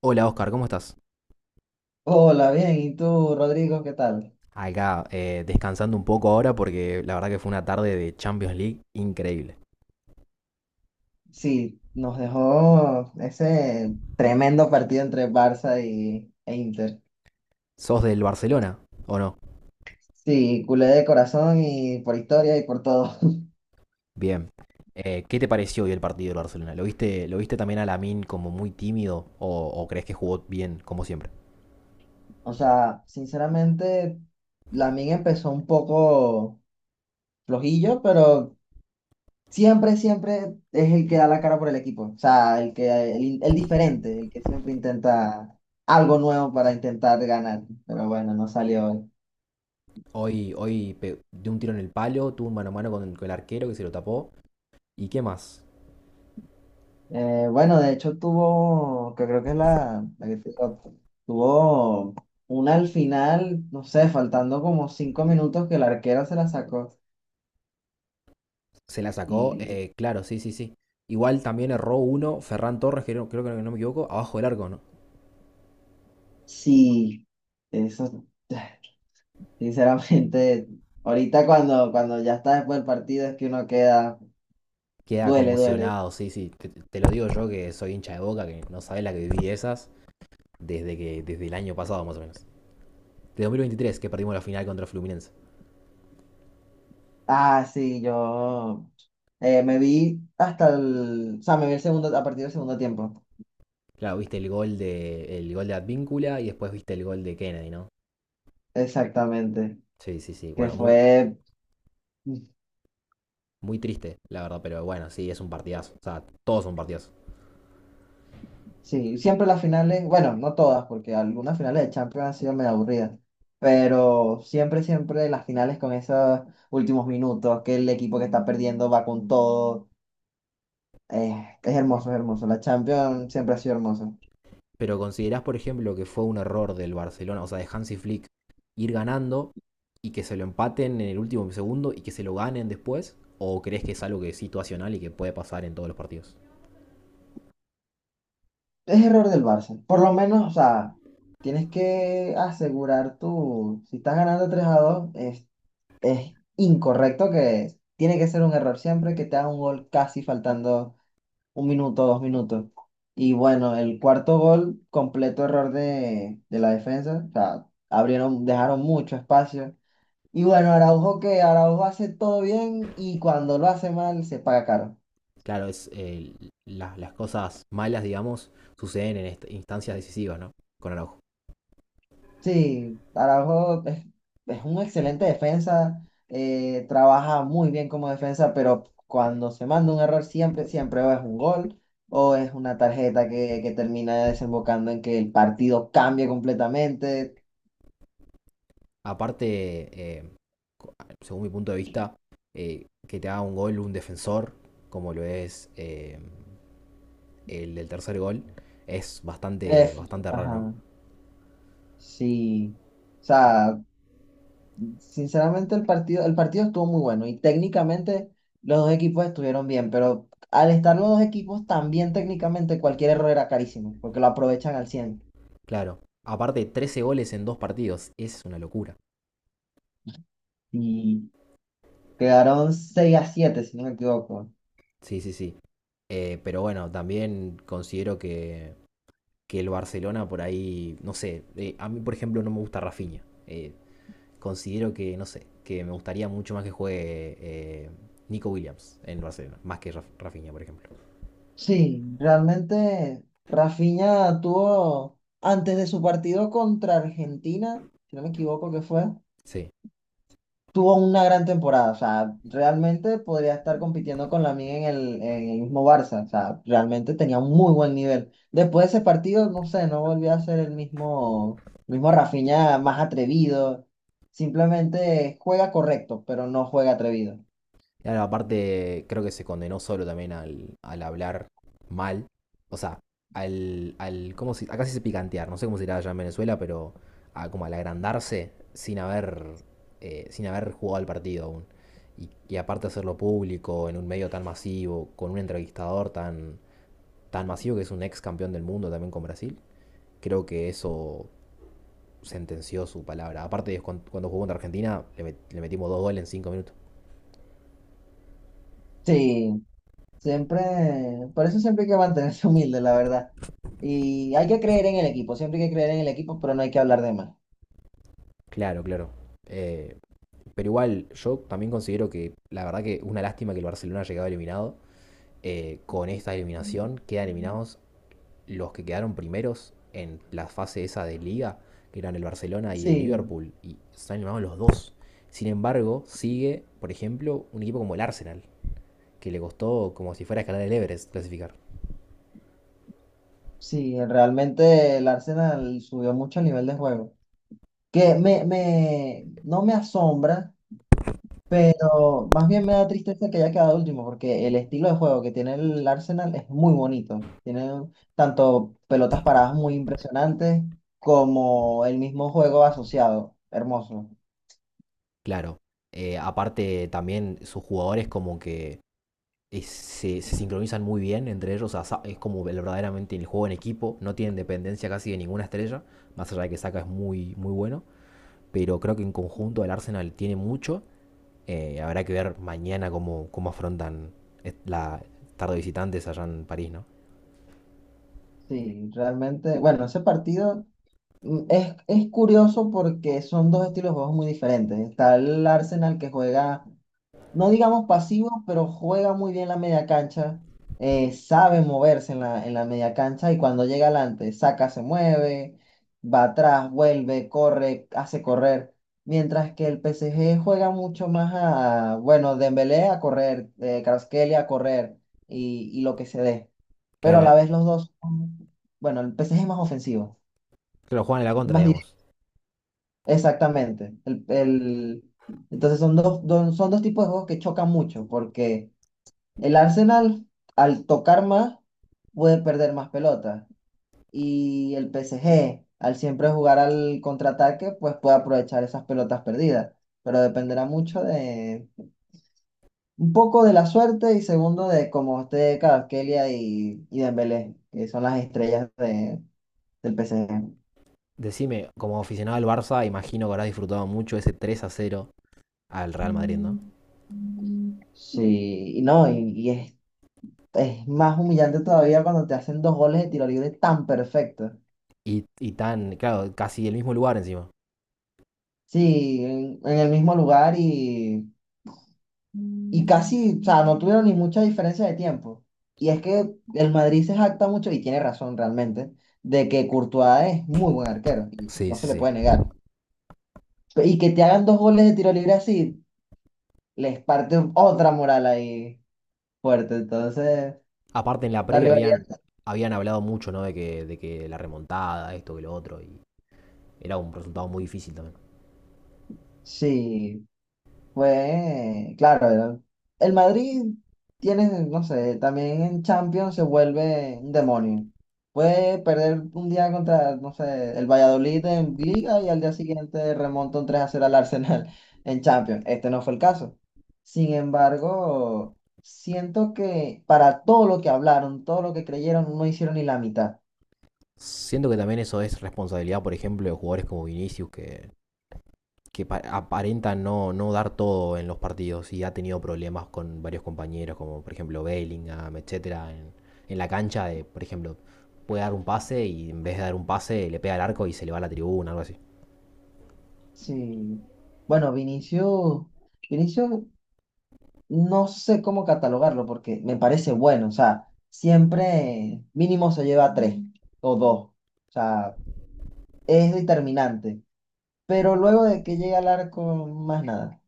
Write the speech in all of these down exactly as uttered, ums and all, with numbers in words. Hola Oscar, ¿cómo estás? Hola, bien. ¿Y tú, Rodrigo, qué tal? Acá, eh, descansando un poco ahora porque la verdad que fue una tarde de Champions League increíble. Sí, nos dejó ese tremendo partido entre Barça y, e Inter. ¿Sos del Barcelona o no? Sí, culé de corazón y por historia y por todo. Bien. Eh, ¿qué te pareció hoy el partido del Barcelona? ¿Lo viste, lo viste también a Lamine como muy tímido o, o crees que jugó bien como siempre? O sea, sinceramente, Lamine empezó un poco flojillo, pero siempre, siempre es el que da la cara por el equipo. O sea, el que, el, el diferente, el que siempre intenta algo nuevo para intentar ganar. Pero bueno, no salió hoy. Hoy, hoy pe- dio un tiro en el palo, tuvo un mano a mano con el, con el arquero que se lo tapó. ¿Y qué más? Eh, bueno, de hecho tuvo, que creo que es la, la que te- tuvo una al final, no sé, faltando como cinco minutos que la arquera se la sacó. Se la sacó, Y eh, claro, sí, sí, sí. Igual también erró uno, Ferran Torres, que no- creo que no, no me equivoco, abajo del arco, ¿no? sí, eso, sinceramente, ahorita cuando, cuando ya está después del partido es que uno queda, Queda duele, duele. conmocionado, sí, sí. Te, te lo digo yo que soy hincha de Boca, que no sabes la que viví esas desde que desde el año pasado más o menos. De dos mil veintitrés, que perdimos la final contra Fluminense. Ah, sí, yo eh, me vi hasta el, o sea, me vi el segundo, a partir del segundo tiempo, Claro, viste el gol de el gol de Advíncula y después viste el gol de Kennedy, ¿no? exactamente, Sí, sí, sí. que Bueno, muy, fue... muy triste, la verdad, pero bueno, sí, es un partidazo. O sea, todos son partidazo. Sí, siempre las finales, bueno, no todas, porque algunas finales de Champions han sido medio aburridas, pero siempre, siempre las finales con esos últimos minutos, que el equipo que está perdiendo va con todo. Eh, es hermoso, es hermoso. La Champions siempre ha sido hermosa. ¿Pero considerás, por ejemplo, que fue un error del Barcelona, o sea, de Hansi Flick, ir ganando y que se lo empaten en el último segundo y que se lo ganen después? ¿O crees que es algo que es situacional y que puede pasar en todos los partidos? Es error del Barça. Por lo menos, o sea, tienes que asegurar tú, si estás ganando tres a dos, es, es incorrecto que tiene que ser un error siempre que te haga un gol casi faltando un minuto, dos minutos. Y bueno, el cuarto gol, completo error de, de la defensa. O sea, abrieron, dejaron mucho espacio. Y bueno, Araujo que Araujo hace todo bien y cuando lo hace mal se paga caro. Claro, es eh, la- las cosas malas, digamos, suceden en instancias decisivas, ¿no? Con Araujo. Sí, Araujo es, es un excelente defensa, eh, trabaja muy bien como defensa, pero cuando se manda un error siempre, siempre o es un gol o es una tarjeta que, que termina desembocando en que el partido cambie completamente. Aparte, eh, según mi punto de vista, eh, que te haga un gol un defensor, como lo es eh, el del tercer gol, es bastante, Es- bastante raro, ¿no? ajá. Sí, o sea, sinceramente el partido, el partido estuvo muy bueno y técnicamente los dos equipos estuvieron bien, pero al estar los dos equipos también técnicamente cualquier error era carísimo, porque lo aprovechan al cien Claro. Aparte, trece goles en dos partidos. Es una locura. y quedaron seis a siete si no me equivoco. Sí, sí, sí. Eh, pero bueno, también considero que, que el Barcelona por ahí, no sé, eh, a mí por ejemplo no me gusta Rafinha. Eh, considero que, no sé, que me gustaría mucho más que juegue eh, Nico Williams en Barcelona, más que Raf- Rafinha, por ejemplo. Sí, realmente Rafinha tuvo antes de su partido contra Argentina, si no me equivoco que fue. Sí. Tuvo una gran temporada, o sea, realmente podría estar compitiendo con la en el, en el mismo Barça, o sea, realmente tenía un muy buen nivel. Después de ese partido, no sé, no volvió a ser el mismo, mismo Rafinha más atrevido, simplemente juega correcto, pero no juega atrevido. Claro, aparte, creo que se condenó solo también al, al hablar mal. O sea, al, al ¿cómo se- acá sí se dice picantear, no sé cómo se dirá allá en Venezuela, pero a- como al agrandarse sin haber, eh, sin haber jugado el partido aún. Y, y aparte hacerlo público, en un medio tan masivo, con un entrevistador tan, tan masivo que es un ex campeón del mundo también con Brasil, creo que eso sentenció su palabra. Aparte, ellos cuan- cuando jugó contra Argentina, le, met- le metimos dos goles en cinco minutos. Sí, siempre, por eso siempre hay que mantenerse humilde, la verdad. Y hay que creer en el equipo, siempre hay que creer en el equipo, pero no hay que hablar de más. Claro, claro. Eh, Pero igual, yo también considero que la verdad que una lástima que el Barcelona haya quedado eliminado. Eh, con esta eliminación quedan eliminados los que quedaron primeros en la fase esa de liga, que eran el Barcelona y el Sí, Liverpool, y están eliminados los dos. Sin embargo, sigue, por ejemplo, un equipo como el Arsenal, que le costó como si fuera a escalar el Everest clasificar. sí, realmente el Arsenal subió mucho el nivel de juego. Que me, me, no me asombra, pero más bien me da tristeza que haya quedado último, porque el estilo de juego que tiene el Arsenal es muy bonito. Tiene tanto pelotas paradas muy impresionantes como el mismo juego asociado. Hermoso. Claro, eh, aparte también sus jugadores como que eh, se, se sincronizan muy bien entre ellos, o sea, es como verdaderamente el juego en equipo, no tienen dependencia casi de ninguna estrella, más allá de que Saka es muy, muy bueno, pero creo que en conjunto el Arsenal tiene mucho, eh, habrá que ver mañana cómo, cómo afrontan eh, la tarde de visitantes allá en París, ¿no? Sí, realmente, bueno, ese partido mm, es, es curioso porque son dos estilos de juegos muy diferentes. Está el Arsenal que juega no digamos pasivo, pero juega muy bien la media cancha, eh, sabe moverse en la, en la media cancha y cuando llega adelante, saca, se mueve, va atrás, vuelve, corre, hace correr. Mientras que el P S G juega mucho más a, bueno, Dembélé a correr, eh, Kvaratskhelia a correr y, y lo que se dé. que Pero a eh, la vez los dos son- bueno, el P S G es más ofensivo, que lo juegan en la contra, más digamos. directo. Exactamente. El, el- entonces son dos, dos- son dos tipos de juegos que chocan mucho porque el Arsenal, al tocar más, puede perder más pelotas. Y el P S G, al siempre jugar al contraataque, pues puede aprovechar esas pelotas perdidas. Pero dependerá mucho de un poco de la suerte y segundo de cómo esté Kvaratskhelia y, y Dembélé, que son las estrellas de- del P S G. Decime, como aficionado al Barça, imagino que habrás disfrutado mucho ese tres a cero al Real Madrid, ¿no? Mm. Sí, y no, y, y es, es más humillante todavía cuando te hacen dos goles de tiro libre tan perfectos. Y, y tan, claro, casi el mismo lugar encima. Sí, en, en el mismo lugar y Y casi, o sea, no tuvieron ni mucha diferencia de tiempo. Y es que el Madrid se jacta mucho, y tiene razón realmente, de que Courtois es muy buen arquero, y Sí, no sí, se le puede sí. negar. Y que te hagan dos goles de tiro libre así, les parte otra moral ahí fuerte. Entonces, Aparte, en la la previa rivalidad, habían, habían hablado mucho, ¿no? De que, de que la remontada, esto, que lo otro, y era un resultado muy difícil también. sí. Fue, claro, era- el Madrid tiene, no sé, también en Champions se vuelve un demonio. Puede perder un día contra, no sé, el Valladolid en Liga y al día siguiente remonta un tres a cero al Arsenal en Champions. Este no fue el caso. Sin embargo, siento que para todo lo que hablaron, todo lo que creyeron, no hicieron ni la mitad. Siento que también eso es responsabilidad, por ejemplo, de jugadores como Vinicius, que, que pa- aparenta no, no dar todo en los partidos y ha tenido problemas con varios compañeros, como por ejemplo Bellingham, etcétera, en, en la cancha de, por ejemplo, puede dar un pase y en vez de dar un pase le pega al arco y se le va a la tribuna, algo así. Sí. Bueno, Vinicius, Vinicius no sé cómo catalogarlo porque me parece bueno. O sea, siempre mínimo se lleva tres o dos. O sea, es determinante. Pero luego de que llega al arco, más nada.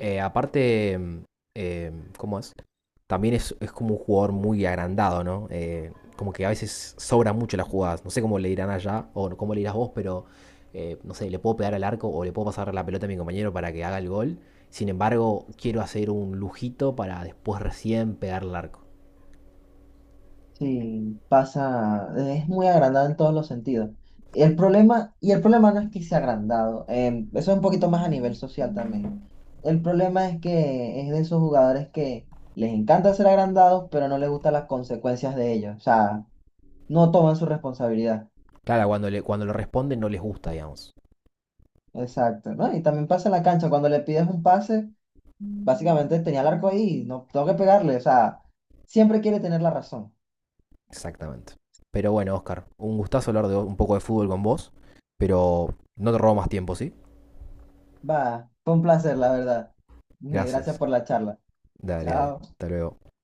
Eh, aparte, eh, ¿Cómo es? También es, es como un jugador muy agrandado, ¿no? Eh, como que a veces sobran mucho las jugadas. No sé cómo le dirán allá o no, cómo le dirás vos, pero eh, no sé, le puedo pegar al arco o le puedo pasar la pelota a mi compañero para que haga el gol. Sin embargo, quiero hacer un lujito para después recién pegar al arco. Sí, pasa, es muy agrandado en todos los sentidos. Y El problema, y el problema no es que sea agrandado, em, eso es un poquito más a nivel social también. El problema es que es de esos jugadores que les encanta ser agrandados, pero no les gustan las consecuencias de ello. O sea, no toman su responsabilidad. Claro, cuando le, cuando le responden no les gusta, digamos. Exacto, ¿no? Y también pasa en la cancha, cuando le pides un pase, básicamente tenía el arco ahí, no tengo que pegarle, o sea, siempre quiere tener la razón. Exactamente. Pero bueno, Oscar, un gustazo hablar de un poco de fútbol con vos, pero no te robo más tiempo, ¿sí? Va, fue un placer, la verdad. Gracias Gracias. por la charla. Dale, dale. Chao. Hasta luego.